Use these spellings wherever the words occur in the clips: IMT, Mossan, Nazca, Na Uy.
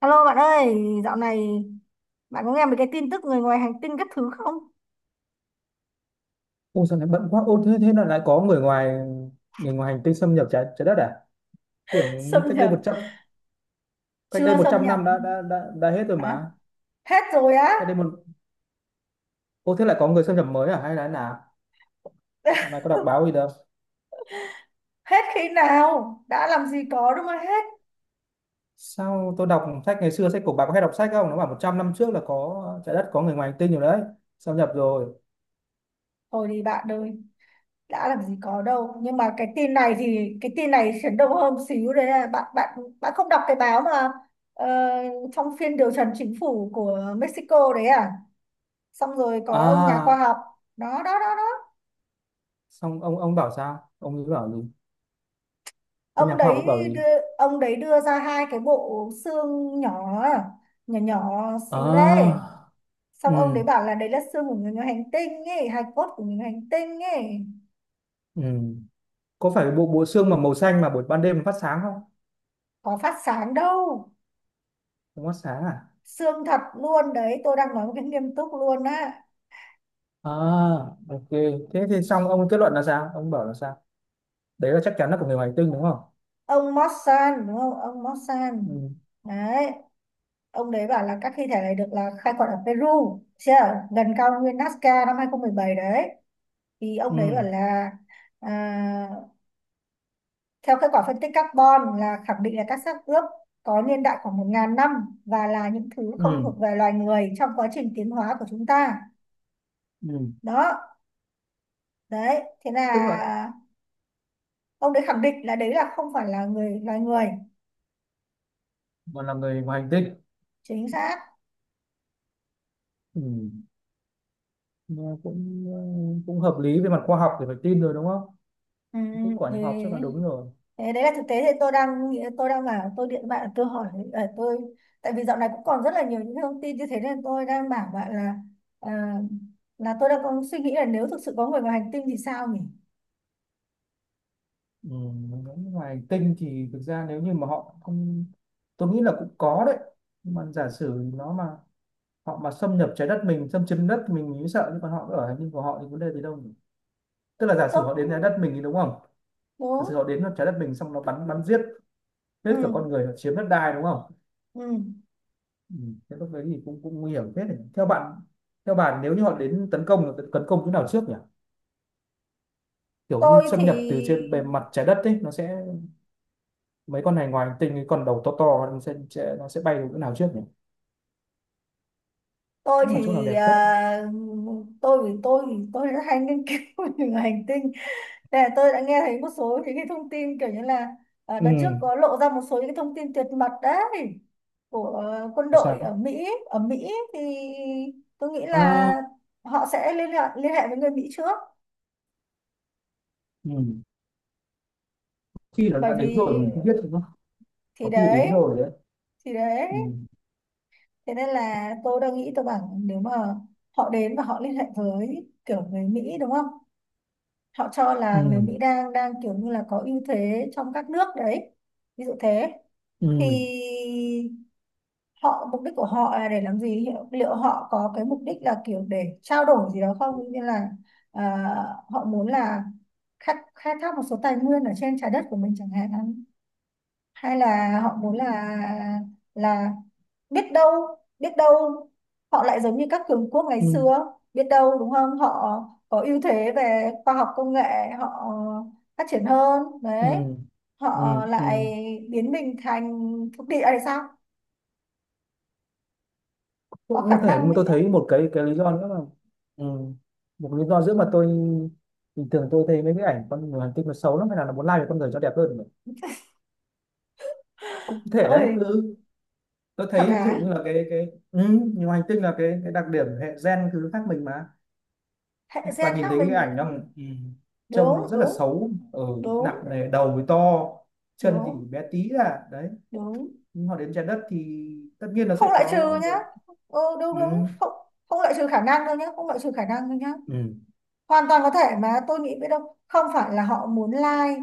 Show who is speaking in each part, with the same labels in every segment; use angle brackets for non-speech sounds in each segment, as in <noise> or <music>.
Speaker 1: Alo bạn ơi, dạo này bạn có nghe mấy cái tin tức người ngoài hành tinh các thứ không?
Speaker 2: Ôi, sao lại bận quá? Ô, thế thế là lại có người ngoài hành tinh xâm nhập trái trái đất à?
Speaker 1: <laughs>
Speaker 2: Tưởng như
Speaker 1: Xâm nhập?
Speaker 2: cách đây
Speaker 1: Chưa
Speaker 2: một
Speaker 1: xâm
Speaker 2: trăm
Speaker 1: nhập.
Speaker 2: năm đã hết rồi
Speaker 1: Hả?
Speaker 2: mà.
Speaker 1: Hết rồi á?
Speaker 2: Cách đây một Ô, thế lại có người xâm nhập mới à, hay là thế nào? Hôm nay
Speaker 1: <laughs>
Speaker 2: có đọc báo gì đâu.
Speaker 1: Hết khi nào, đã làm gì có, đúng không? Hết?
Speaker 2: Sao, tôi đọc sách ngày xưa, sách của bà có hay đọc sách không? Nó bảo 100 năm trước là có trái đất có người ngoài hành tinh rồi đấy, xâm nhập rồi.
Speaker 1: Thôi đi bạn ơi, đã làm gì có đâu. Nhưng mà cái tin này thì cái tin này chấn động hơn một xíu đấy, là bạn bạn bạn không đọc cái báo mà. ờ, Trong phiên điều trần chính phủ của Mexico đấy à, xong rồi có ông nhà khoa
Speaker 2: À,
Speaker 1: học đó đó đó đó.
Speaker 2: xong ông bảo sao, ông ấy bảo gì? Cái
Speaker 1: ông
Speaker 2: nhà khoa học ấy
Speaker 1: đấy
Speaker 2: bảo
Speaker 1: đưa,
Speaker 2: gì?
Speaker 1: ông đấy đưa ra hai cái bộ xương nhỏ, nhỏ nhỏ xíu đấy.
Speaker 2: À.
Speaker 1: Xong ông đấy
Speaker 2: Ừ.
Speaker 1: bảo là đấy là xương của người ngoài hành tinh ấy, hài cốt của người ngoài hành tinh ấy.
Speaker 2: Ừ. Có phải bộ bộ xương mà màu xanh mà buổi ban đêm phát sáng không?
Speaker 1: Có phát sáng đâu,
Speaker 2: Không phát sáng à?
Speaker 1: xương thật luôn đấy, tôi đang nói một cái nghiêm túc luôn á.
Speaker 2: À, ok. Thế thì xong ông kết luận là sao? Ông bảo là sao? Đấy là chắc chắn là của người ngoài hành tinh đúng không?
Speaker 1: Ông Mossan đúng không, ông Mossan
Speaker 2: Ừ.
Speaker 1: đấy. Ông đấy bảo là các thi thể này được là khai quật ở Peru, chưa, gần cao nguyên Nazca năm 2017 đấy. Thì ông đấy bảo
Speaker 2: Ừ.
Speaker 1: là, à, theo kết quả phân tích carbon là khẳng định là các xác ướp có niên đại khoảng một 000 năm, và là những thứ không
Speaker 2: Ừ.
Speaker 1: thuộc về loài người trong quá trình tiến hóa của chúng ta.
Speaker 2: Ừ.
Speaker 1: Đó, đấy, thế
Speaker 2: Tức là
Speaker 1: là ông đấy khẳng định là đấy là không phải là người loài người.
Speaker 2: mà là người ngoài hành tinh.
Speaker 1: Chính xác.
Speaker 2: Ừ. Mà cũng hợp lý về mặt khoa học thì phải tin rồi đúng không?
Speaker 1: Ừ,
Speaker 2: Kết quả nhập học chắc là đúng rồi.
Speaker 1: thế đấy là thực tế thì tôi đang bảo tôi điện bạn tôi hỏi, ờ, tôi tại vì dạo này cũng còn rất là nhiều những thông tin như thế, nên tôi đang bảo bạn là, ờ, là tôi đang có suy nghĩ là nếu thực sự có người ngoài hành tinh thì sao nhỉ?
Speaker 2: Ừ. Người ngoài hành tinh thì thực ra nếu như mà họ không, tôi nghĩ là cũng có đấy. Nhưng mà giả sử nó mà, họ mà xâm nhập trái đất mình, xâm chiếm đất mình mới sợ, nhưng còn họ ở hành tinh của họ thì vấn đề gì đâu nhỉ? Tức là giả
Speaker 1: Tôi
Speaker 2: sử họ đến trái
Speaker 1: cũng
Speaker 2: đất mình thì đúng không? Thật sự họ
Speaker 1: đúng.
Speaker 2: đến nó trái đất mình xong nó bắn bắn giết hết
Speaker 1: Ừ,
Speaker 2: cả con người, nó chiếm đất đai đúng không.
Speaker 1: ừ.
Speaker 2: Ừ. Thế lúc đấy thì cũng cũng nguy hiểm hết. Theo bạn theo bạn, nếu như họ đến tấn công chỗ nào trước nhỉ? Kiểu như
Speaker 1: tôi
Speaker 2: xâm
Speaker 1: thì
Speaker 2: nhập từ trên bề mặt trái đất ấy nó sẽ, mấy con này ngoài hành tinh, cái con đầu to to, nó sẽ bay đến chỗ nào trước nhỉ?
Speaker 1: tôi
Speaker 2: Chắc là chỗ nào
Speaker 1: thì
Speaker 2: đẹp nhất.
Speaker 1: à, tôi vì tôi thì tôi rất hay nghiên cứu <laughs> về hành tinh. Nên là tôi đã nghe thấy một số những cái thông tin kiểu như là,
Speaker 2: Ừ.
Speaker 1: đợt trước có lộ ra một số những cái thông tin tuyệt mật đấy của quân
Speaker 2: Có
Speaker 1: đội
Speaker 2: sao?
Speaker 1: ở Mỹ. Ở Mỹ thì tôi nghĩ là
Speaker 2: À,
Speaker 1: họ sẽ liên hệ với người Mỹ trước,
Speaker 2: ừ. Khi nó
Speaker 1: bởi
Speaker 2: đã đến rồi
Speaker 1: vì,
Speaker 2: mình không biết đúng không.
Speaker 1: thì
Speaker 2: Có khi đến
Speaker 1: đấy,
Speaker 2: rồi đấy.
Speaker 1: thì đấy.
Speaker 2: Ừ.
Speaker 1: Thế nên là tôi đang nghĩ tôi bảo nếu mà họ đến và họ liên hệ với kiểu người Mỹ đúng không? Họ cho là người
Speaker 2: Ừ.
Speaker 1: Mỹ đang đang kiểu như là có ưu thế trong các nước đấy. Ví dụ thế
Speaker 2: Ừ.
Speaker 1: thì họ, mục đích của họ là để làm gì? Liệu Liệu họ có cái mục đích là kiểu để trao đổi gì đó không? Như là, à, họ muốn là khai thác một số tài nguyên ở trên trái đất của mình chẳng hạn, hay là họ muốn là, là biết đâu, biết đâu họ lại giống như các cường quốc ngày
Speaker 2: Ừ.
Speaker 1: xưa, biết đâu đúng không, họ có ưu thế về khoa học công nghệ, họ phát triển hơn
Speaker 2: Ừ.
Speaker 1: đấy,
Speaker 2: Ừ.
Speaker 1: họ
Speaker 2: Ừ.
Speaker 1: lại biến mình thành thuộc địa hay sao. Có
Speaker 2: Cũng
Speaker 1: khả
Speaker 2: có thể, nhưng
Speaker 1: năng
Speaker 2: mà
Speaker 1: đấy
Speaker 2: tôi
Speaker 1: chứ.
Speaker 2: thấy một cái lý do nữa là, ừ, một lý do nữa mà tôi, bình thường tôi thấy mấy cái ảnh con người hành tinh nó xấu lắm, hay là nó muốn lai về con người cho đẹp hơn. Cũng có thể đấy
Speaker 1: Tôi,
Speaker 2: cứ. Tôi
Speaker 1: thật
Speaker 2: thấy ví dụ
Speaker 1: hả?
Speaker 2: như là cái ừ, nhiều hành tinh là cái đặc điểm hệ gen thứ khác mình mà.
Speaker 1: Hệ
Speaker 2: Và
Speaker 1: gen
Speaker 2: nhìn
Speaker 1: khác
Speaker 2: thấy cái
Speaker 1: mình.
Speaker 2: ảnh nó, ừ, trông
Speaker 1: Đúng
Speaker 2: nó rất là
Speaker 1: đúng
Speaker 2: xấu, ở, nặng
Speaker 1: đúng
Speaker 2: nề, đầu thì to, chân thì
Speaker 1: đúng,
Speaker 2: bé tí à, đấy.
Speaker 1: đúng,
Speaker 2: Nhưng họ đến trái đất thì tất nhiên nó sẽ
Speaker 1: không loại
Speaker 2: có
Speaker 1: trừ nhá.
Speaker 2: nhiều.
Speaker 1: Ừ,
Speaker 2: Ừ.
Speaker 1: đúng đúng. Không không loại trừ khả năng đâu nhá, không loại trừ khả năng đâu nhá.
Speaker 2: Ừ.
Speaker 1: Hoàn toàn có thể mà, tôi nghĩ biết đâu không phải là họ muốn like,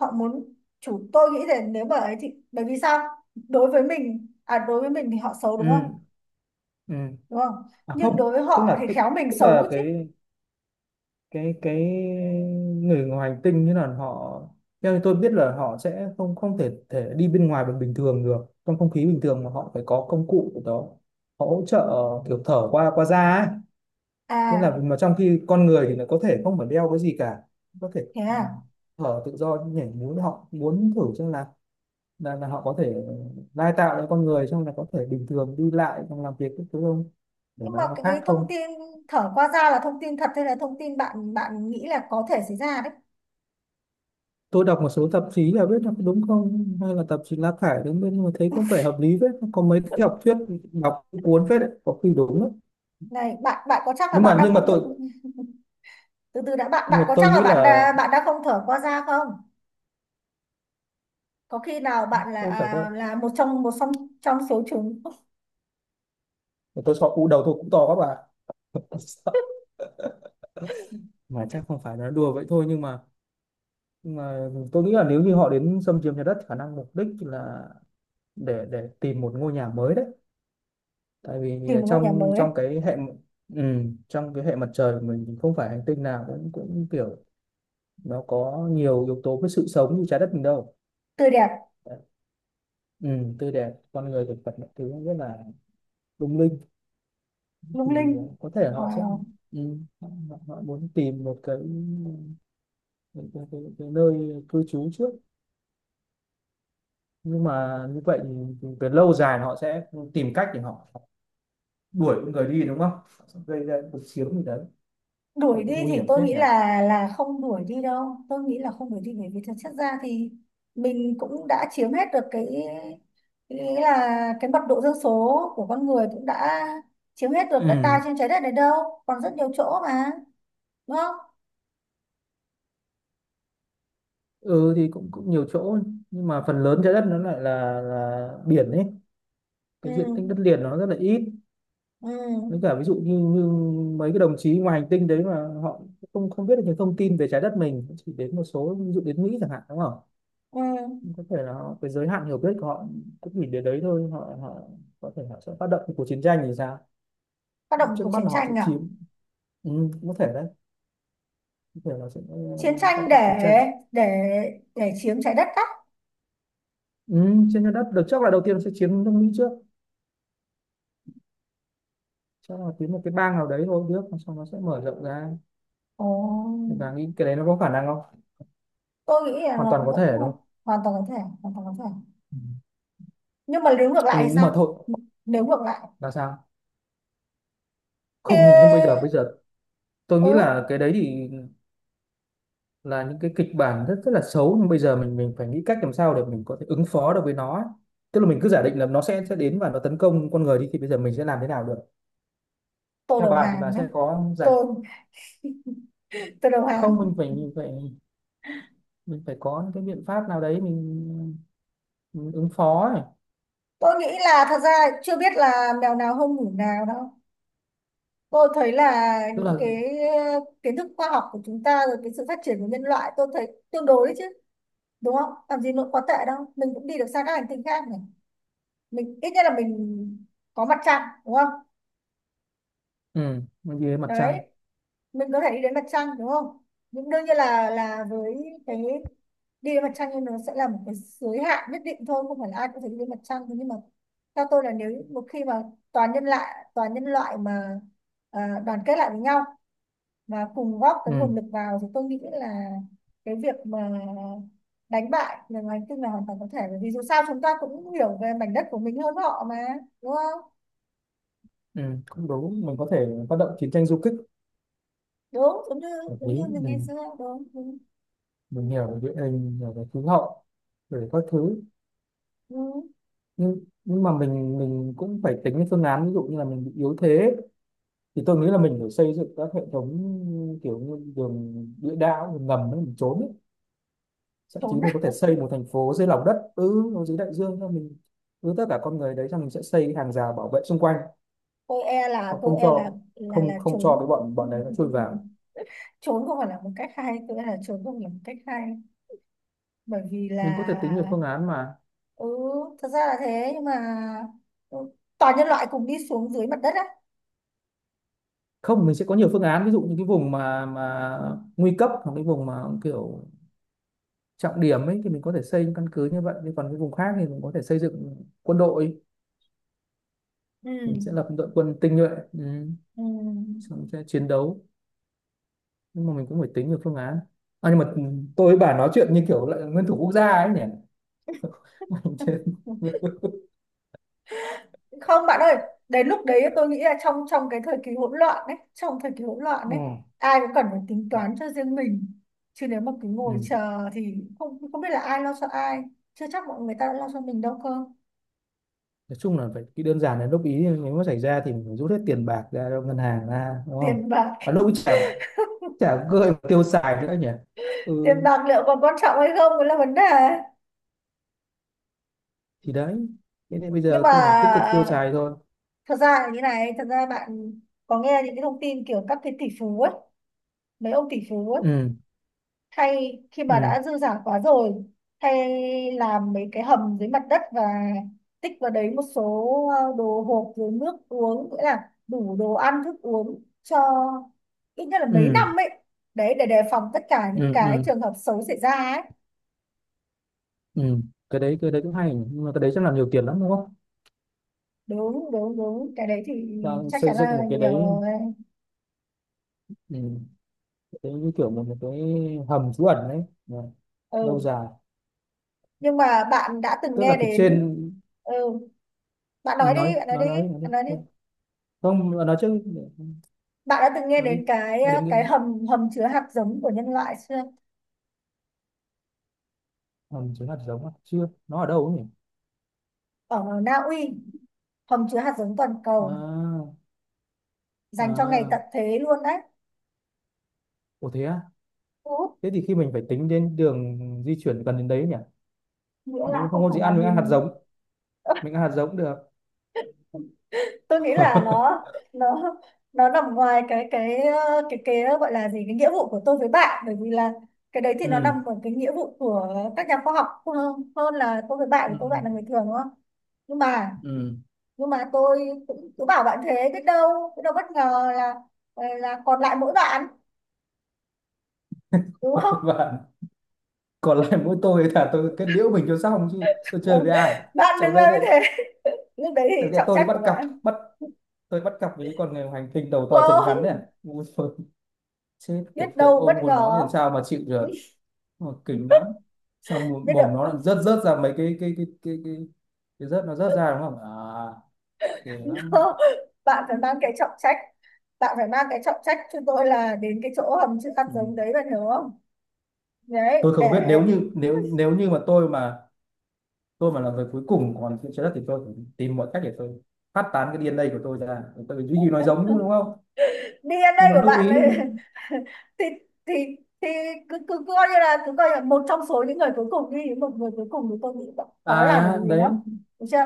Speaker 1: họ muốn chủ. Tôi nghĩ là nếu bởi ấy thì bởi vì sao, đối với mình, à đối với mình thì họ xấu
Speaker 2: Ừ.
Speaker 1: đúng không,
Speaker 2: Ừ.
Speaker 1: đúng không,
Speaker 2: À
Speaker 1: nhưng đối
Speaker 2: không,
Speaker 1: với
Speaker 2: tức
Speaker 1: họ
Speaker 2: là
Speaker 1: thì
Speaker 2: tức,
Speaker 1: khéo mình
Speaker 2: tức
Speaker 1: xấu
Speaker 2: là
Speaker 1: chứ.
Speaker 2: cái người ngoài hành tinh, như là họ, theo như tôi biết là họ sẽ không không thể thể đi bên ngoài bằng bình thường được, trong không khí bình thường, mà họ phải có công cụ của đó. Họ hỗ trợ, kiểu thở qua qua da ấy. Tức
Speaker 1: À,
Speaker 2: là mà trong khi con người thì nó có thể không phải đeo cái gì cả, có thể
Speaker 1: thế à.
Speaker 2: thở tự do nhảy múa. Họ muốn thử xem là họ có thể lai tạo cho con người xong là có thể bình thường đi lại xong làm việc các thứ không, để
Speaker 1: Nhưng mà
Speaker 2: nó
Speaker 1: cái,
Speaker 2: khác
Speaker 1: cái thông
Speaker 2: không.
Speaker 1: tin thở qua da là thông tin thật hay là thông tin bạn bạn nghĩ là có thể xảy ra đấy.
Speaker 2: Tôi đọc một số tạp chí là biết là có đúng không, hay là tạp chí lá cải đúng bên mà thấy có vẻ hợp lý phết, có mấy cái học thuyết đọc cũng cuốn phết đấy, có khi đúng đấy.
Speaker 1: Này bạn bạn có chắc là
Speaker 2: nhưng
Speaker 1: bạn
Speaker 2: mà
Speaker 1: đang
Speaker 2: nhưng mà
Speaker 1: không thực.
Speaker 2: tôi
Speaker 1: <laughs> Từ từ đã, bạn
Speaker 2: nhưng
Speaker 1: bạn
Speaker 2: mà
Speaker 1: có
Speaker 2: tôi
Speaker 1: chắc là
Speaker 2: nghĩ là,
Speaker 1: bạn đã không thở qua da không. Có khi nào bạn là,
Speaker 2: tôi chẳng qua,
Speaker 1: là một trong trong số chúng.
Speaker 2: tôi sợ u đầu tôi cũng to các bạn. <laughs> Sợ. Mà chắc không phải là đùa vậy thôi, nhưng mà tôi nghĩ là nếu như họ đến xâm chiếm nhà đất, khả năng mục đích là để tìm một ngôi nhà mới đấy. Tại vì
Speaker 1: Tìm một ngôi nhà
Speaker 2: trong
Speaker 1: mới,
Speaker 2: trong cái hệ, ừ, trong cái hệ mặt trời của mình thì không phải hành tinh nào cũng cũng kiểu nó có nhiều yếu tố với sự sống như trái đất mình đâu.
Speaker 1: tươi đẹp,
Speaker 2: Đấy. Ừ, tươi đẹp con người thực vật mọi thứ rất là lung linh.
Speaker 1: lung
Speaker 2: Thì
Speaker 1: linh.
Speaker 2: có thể họ sẽ,
Speaker 1: Wow.
Speaker 2: ừ, họ, họ muốn tìm một cái nơi cư trú trước. Nhưng mà như vậy thì, về lâu dài họ sẽ tìm cách để họ đuổi con người đi đúng không. Họ sẽ gây ra cuộc chiến gì đấy.
Speaker 1: Đuổi
Speaker 2: Cũng
Speaker 1: đi
Speaker 2: nguy
Speaker 1: thì
Speaker 2: hiểm
Speaker 1: tôi
Speaker 2: phết
Speaker 1: nghĩ
Speaker 2: nhỉ.
Speaker 1: là không đuổi đi đâu, tôi nghĩ là không đuổi đi, bởi vì thực chất ra thì mình cũng đã chiếm hết được cái, nghĩa là cái mật độ dân số của con người cũng đã chiếm hết được đất đai
Speaker 2: Ừ.
Speaker 1: trên trái đất này đâu, còn rất nhiều chỗ mà, đúng không.
Speaker 2: Ừ thì cũng cũng nhiều chỗ, nhưng mà phần lớn trái đất nó lại là biển ấy. Cái diện tích đất
Speaker 1: Ừ,
Speaker 2: liền nó rất là ít,
Speaker 1: ừ,
Speaker 2: với cả ví dụ như mấy cái đồng chí ngoài hành tinh đấy mà họ không không biết được những thông tin về trái đất mình, chỉ đến một số, ví dụ đến Mỹ chẳng hạn đúng không.
Speaker 1: ừ.
Speaker 2: Có thể là họ, cái giới hạn hiểu biết của họ cũng chỉ đến đấy thôi. Họ họ có thể họ sẽ phát động cuộc chiến tranh thì sao?
Speaker 1: Tác động
Speaker 2: Trước
Speaker 1: của
Speaker 2: mắt
Speaker 1: chiến
Speaker 2: là họ sẽ
Speaker 1: tranh à,
Speaker 2: chiếm. Ừ, có thể đấy. Có thể là sẽ
Speaker 1: chiến
Speaker 2: phát
Speaker 1: tranh
Speaker 2: động
Speaker 1: để
Speaker 2: chiến tranh.
Speaker 1: để để chiếm trái đất á.
Speaker 2: Ừ, trên trái đất được chắc là đầu tiên sẽ chiếm nước Mỹ trước, chắc là chiếm một cái bang nào đấy thôi trước, xong nó sẽ mở rộng ra.
Speaker 1: Ồ,
Speaker 2: Và nghĩ cái đấy nó có khả năng không?
Speaker 1: tôi nghĩ là
Speaker 2: Hoàn toàn có
Speaker 1: vẫn
Speaker 2: thể đúng không?
Speaker 1: hoàn toàn có thể, hoàn toàn có thể. Nhưng mà nếu ngược
Speaker 2: Ừ.
Speaker 1: lại thì
Speaker 2: Nhưng mà
Speaker 1: sao,
Speaker 2: thôi,
Speaker 1: nếu ngược lại.
Speaker 2: là sao, không, nhưng bây giờ
Speaker 1: Thế.
Speaker 2: bây giờ tôi
Speaker 1: Ừ,
Speaker 2: nghĩ là cái đấy thì là những cái kịch bản rất rất là xấu, nhưng bây giờ mình phải nghĩ cách làm sao để mình có thể ứng phó được với nó ấy. Tức là mình cứ giả định là nó sẽ đến và nó tấn công con người đi thì bây giờ mình sẽ làm thế nào được?
Speaker 1: tôi
Speaker 2: Theo
Speaker 1: đầu
Speaker 2: bà thì bà
Speaker 1: hàng đấy.
Speaker 2: sẽ có giải?
Speaker 1: Tôi tôi đầu
Speaker 2: Không,
Speaker 1: hàng.
Speaker 2: mình phải có những cái biện pháp nào đấy, mình ứng phó ấy.
Speaker 1: Tôi nghĩ là thật ra chưa biết là mèo nào không ngủ nào đâu. Tôi thấy là
Speaker 2: Tức là.
Speaker 1: những cái kiến thức khoa học của chúng ta, rồi cái sự phát triển của nhân loại, tôi thấy tương đối đấy chứ, đúng không, làm gì nó quá tệ đâu. Mình cũng đi được sang các hành tinh khác này, mình ít nhất là mình có mặt trăng đúng không,
Speaker 2: Ừ, mình đi đến mặt trăng.
Speaker 1: đấy mình có thể đi đến mặt trăng đúng không. Nhưng đương nhiên là với cái, đi đến mặt trăng thì nó sẽ là một cái giới hạn nhất định thôi, không phải là ai cũng phải đi đến mặt trăng. Thế nhưng mà theo tôi là nếu một khi mà toàn nhân loại, toàn nhân loại mà, đoàn kết lại với nhau và cùng góp cái
Speaker 2: Ừ.
Speaker 1: nguồn lực vào thì tôi nghĩ là cái việc mà đánh bại người ngoài hành tinh là hoàn toàn có thể, bởi vì dù sao chúng ta cũng hiểu về mảnh đất của mình hơn họ mà, đúng không.
Speaker 2: Ừ, cũng đúng, mình có thể phát động chiến tranh du kích
Speaker 1: Đúng, giống như,
Speaker 2: hợp
Speaker 1: giống
Speaker 2: lý.
Speaker 1: như mình ngày
Speaker 2: mình
Speaker 1: xưa, đúng, đúng.
Speaker 2: mình hiểu về địa hình, hiểu về khí hậu, về các thứ.
Speaker 1: Ừ.
Speaker 2: Nhưng mà mình cũng phải tính cái phương án, ví dụ như là mình bị yếu thế thì tôi nghĩ là mình phải xây dựng các hệ thống kiểu như đường địa đạo, đường ngầm ấy, mình trốn ấy. Thậm
Speaker 1: Trốn,
Speaker 2: chí mình có thể xây một thành phố dưới lòng đất, ừ, nó dưới đại dương thôi, mình cứ tất cả con người đấy xong mình sẽ xây hàng rào bảo vệ xung quanh,
Speaker 1: tôi e
Speaker 2: và
Speaker 1: là, tôi
Speaker 2: không
Speaker 1: e là
Speaker 2: cho,
Speaker 1: là
Speaker 2: không
Speaker 1: là
Speaker 2: không cho cái
Speaker 1: trốn.
Speaker 2: bọn bọn
Speaker 1: <laughs>
Speaker 2: đấy nó chui vào.
Speaker 1: Trốn không phải là một cách hay, tôi e là trốn không phải là một cách hay, bởi vì
Speaker 2: Mình có thể tính nhiều
Speaker 1: là.
Speaker 2: phương án mà.
Speaker 1: Ừ, thật ra là thế, nhưng mà, ừ, toàn nhân loại cùng đi xuống dưới mặt đất á.
Speaker 2: Không, mình sẽ có nhiều phương án, ví dụ như cái vùng mà nguy cấp, hoặc cái vùng mà kiểu trọng điểm ấy thì mình có thể xây những căn cứ như vậy, còn cái vùng khác thì mình có thể xây dựng quân đội.
Speaker 1: Ừ,
Speaker 2: Mình sẽ lập một đội quân tinh nhuệ. Ừ.
Speaker 1: ừ.
Speaker 2: Xong sẽ chiến đấu. Nhưng mà mình cũng phải tính được phương án. Nhưng mà tôi với bà nói chuyện như kiểu lại nguyên thủ quốc gia ấy nhỉ. <laughs> Mình chưa-
Speaker 1: <laughs> Không bạn ơi, đến lúc đấy tôi nghĩ là trong trong cái thời kỳ hỗn loạn đấy, trong thời kỳ hỗn loạn
Speaker 2: Ừ.
Speaker 1: đấy, ai cũng cần phải tính toán cho riêng mình, chứ nếu mà cứ ngồi
Speaker 2: Ừ.
Speaker 1: chờ thì không không biết là ai lo cho ai, chưa chắc mọi người ta đã lo cho mình đâu cơ.
Speaker 2: Nói chung là phải, cái đơn giản là lúc ý nếu mà xảy ra thì mình phải rút hết tiền bạc ra cho ngân hàng ra đúng không.
Speaker 1: Tiền bạc,
Speaker 2: Và lúc ấy chả chả gợi tiêu xài nữa nhỉ.
Speaker 1: tiền
Speaker 2: Ừ
Speaker 1: bạc liệu còn quan trọng hay không cũng là vấn đề.
Speaker 2: thì đấy, thế nên bây
Speaker 1: Nhưng
Speaker 2: giờ
Speaker 1: mà,
Speaker 2: khi là tích cực tiêu
Speaker 1: ờ,
Speaker 2: xài thôi.
Speaker 1: thật ra là như này, thật ra bạn có nghe những cái thông tin kiểu các cái tỷ phú ấy, mấy ông tỷ phú ấy,
Speaker 2: Ừ.
Speaker 1: hay khi mà
Speaker 2: Ừ.
Speaker 1: đã dư giả quá rồi hay làm mấy cái hầm dưới mặt đất và tích vào đấy một số đồ hộp, rồi nước uống, nghĩa là đủ đồ ăn thức uống cho ít nhất là mấy
Speaker 2: Ừ.
Speaker 1: năm ấy, đấy để đề phòng tất cả những
Speaker 2: Ừ.
Speaker 1: cái
Speaker 2: Ừ.
Speaker 1: trường hợp xấu xảy ra ấy.
Speaker 2: Ừ. Cái đấy cũng hay, nhưng mà cái đấy chắc là nhiều tiền lắm đúng không?
Speaker 1: Đúng đúng đúng, cái đấy thì
Speaker 2: Đang
Speaker 1: chắc
Speaker 2: xây
Speaker 1: chắn
Speaker 2: dựng
Speaker 1: là
Speaker 2: một cái
Speaker 1: nhiều
Speaker 2: đấy.
Speaker 1: rồi.
Speaker 2: Ừ. Cái đấy như kiểu một cái hầm trú ẩn đấy. Dạ, lâu
Speaker 1: Ừ,
Speaker 2: dài.
Speaker 1: nhưng mà bạn đã từng
Speaker 2: Tức
Speaker 1: nghe
Speaker 2: là phía
Speaker 1: đến.
Speaker 2: trên.
Speaker 1: Ừ, bạn nói đi bạn nói đi
Speaker 2: Nói đi.
Speaker 1: bạn nói đi.
Speaker 2: Không, nói trước.
Speaker 1: Bạn đã từng nghe
Speaker 2: Nói đi.
Speaker 1: đến cái,
Speaker 2: Nghe đến
Speaker 1: cái
Speaker 2: cái
Speaker 1: hầm hầm chứa hạt giống của nhân loại chưa.
Speaker 2: hầm trú ẩn giống à? Chưa, nó ở đâu ấy nhỉ?
Speaker 1: Ở Na Uy, hầm chứa hạt giống toàn cầu
Speaker 2: À.
Speaker 1: dành cho ngày
Speaker 2: À,
Speaker 1: tận thế luôn đấy.
Speaker 2: ủa thế à?
Speaker 1: Thu hút,
Speaker 2: Thế thì khi mình phải tính đến đường di chuyển gần đến đấy nhỉ.
Speaker 1: nghĩa
Speaker 2: Nếu
Speaker 1: là
Speaker 2: mà không
Speaker 1: không
Speaker 2: có
Speaker 1: phải
Speaker 2: gì
Speaker 1: là
Speaker 2: ăn,
Speaker 1: mình, ừ,
Speaker 2: mình ăn hạt giống cũng được.
Speaker 1: tôi nghĩ là
Speaker 2: <laughs>
Speaker 1: nó nó nằm ngoài cái gọi là gì, cái nghĩa vụ của tôi với bạn, bởi vì là cái đấy thì nó
Speaker 2: Ừ.
Speaker 1: nằm ở cái nghĩa vụ của các nhà khoa học hơn là tôi với bạn, của
Speaker 2: Ừ.
Speaker 1: tôi với bạn là người thường đúng không. nhưng mà
Speaker 2: Ừ.
Speaker 1: nhưng mà tôi cũng cứ bảo bạn thế, biết đâu, biết đâu bất ngờ là, là còn lại mỗi bạn đúng không.
Speaker 2: <laughs>
Speaker 1: <laughs>
Speaker 2: Bạn, còn lại mỗi tôi là tôi kết liễu mình cho xong chứ tôi chơi
Speaker 1: Còn
Speaker 2: với ai.
Speaker 1: bạn
Speaker 2: Sau
Speaker 1: đứng
Speaker 2: đấy
Speaker 1: làm như
Speaker 2: lại,
Speaker 1: thế, lúc đấy
Speaker 2: sau
Speaker 1: thì
Speaker 2: cái
Speaker 1: trọng
Speaker 2: tôi đi
Speaker 1: trách
Speaker 2: bắt
Speaker 1: của
Speaker 2: cặp
Speaker 1: bạn
Speaker 2: bắt tôi bắt cặp với con người hành tinh đầu to chân ngắn
Speaker 1: không,
Speaker 2: này. Ui giời, chết thực
Speaker 1: biết
Speaker 2: sự,
Speaker 1: đâu
Speaker 2: ôm
Speaker 1: bất
Speaker 2: hồn nó thì
Speaker 1: ngờ,
Speaker 2: làm sao mà chịu được, mà kinh lắm. Xong mồm
Speaker 1: biết đâu.
Speaker 2: mồm nó lại
Speaker 1: <laughs>
Speaker 2: rớt rớt ra mấy cái rớt nó rớt ra đúng không à. Ghê lắm.
Speaker 1: No. Bạn phải mang cái trọng trách, bạn phải mang cái trọng trách cho tôi là đến cái chỗ hầm chữ hạt
Speaker 2: Ừ.
Speaker 1: giống đấy, bạn hiểu không, đấy
Speaker 2: Tôi
Speaker 1: để.
Speaker 2: không biết, nếu như nếu nếu như mà tôi mà tôi mà là người cuối cùng còn trên trái đất thì tôi phải tìm mọi cách để tôi phát tán cái DNA của tôi ra, tôi duy trì nói giống chứ đúng không?
Speaker 1: DNA
Speaker 2: Nhưng mà
Speaker 1: của
Speaker 2: lúc
Speaker 1: bạn
Speaker 2: ý.
Speaker 1: ấy, <laughs> thì thì cứ cứ coi như là cứ coi là một trong số những người cuối cùng đi, một người cuối cùng thì tôi nghĩ bạn khó làm
Speaker 2: À
Speaker 1: được gì
Speaker 2: đấy.
Speaker 1: lắm, được chưa.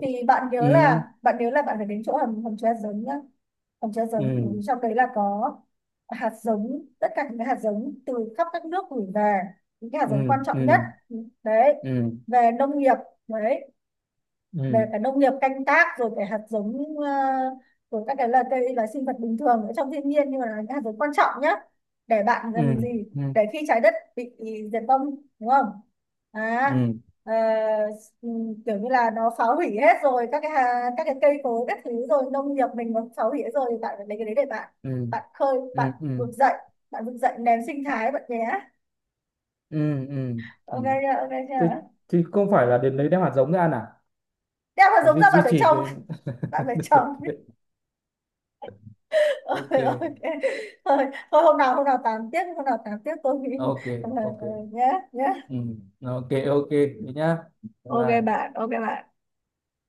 Speaker 1: Thì
Speaker 2: Ừ.
Speaker 1: bạn nhớ là bạn phải đến chỗ hầm hầm chứa hạt giống nhá, hầm chứa hạt
Speaker 2: Ừ.
Speaker 1: giống, bởi vì trong đấy là có hạt giống, tất cả những cái hạt giống từ khắp các nước gửi về, những cái hạt
Speaker 2: Ừ.
Speaker 1: giống quan trọng nhất
Speaker 2: Ừ.
Speaker 1: đấy,
Speaker 2: Ừ.
Speaker 1: về nông nghiệp, đấy
Speaker 2: Ừ.
Speaker 1: về cả nông nghiệp canh tác, rồi cái hạt giống, rồi các cái là cây là sinh vật bình thường ở trong thiên nhiên nhưng mà là những hạt giống quan trọng nhá, để bạn
Speaker 2: Ừ.
Speaker 1: gần gì,
Speaker 2: Ừ.
Speaker 1: để khi trái đất bị diệt vong đúng không, à,
Speaker 2: Ừ.
Speaker 1: ờ, kiểu như là nó phá hủy hết rồi các cái, các cái cây cối các thứ, rồi nông nghiệp mình nó phá hủy hết rồi, thì bạn phải lấy cái đấy để bạn,
Speaker 2: Ừ.
Speaker 1: bạn khơi bạn
Speaker 2: Ừ. Ừ.
Speaker 1: vực dậy, bạn vực dậy nền sinh thái bạn nhé.
Speaker 2: Ừ. Ừ. Ừ.
Speaker 1: Ok chưa, ok
Speaker 2: Thế
Speaker 1: chưa.
Speaker 2: thì không phải là đến lấy đem hạt giống ra à,
Speaker 1: Đeo hạt
Speaker 2: để
Speaker 1: giống
Speaker 2: duy
Speaker 1: ra, bạn
Speaker 2: duy
Speaker 1: phải
Speaker 2: trì
Speaker 1: trồng,
Speaker 2: cái.
Speaker 1: bạn phải trồng.
Speaker 2: <laughs>
Speaker 1: Ôi,
Speaker 2: Ok.
Speaker 1: ok, thôi thôi, hôm nào tám tiếp, hôm nào tám tiếp, tôi nghĩ.
Speaker 2: Ok. Ok.
Speaker 1: <laughs> Nhé nhé.
Speaker 2: Ừ, ok, ok thế nhá. Bye
Speaker 1: Ok
Speaker 2: bye.
Speaker 1: bạn, ok bạn.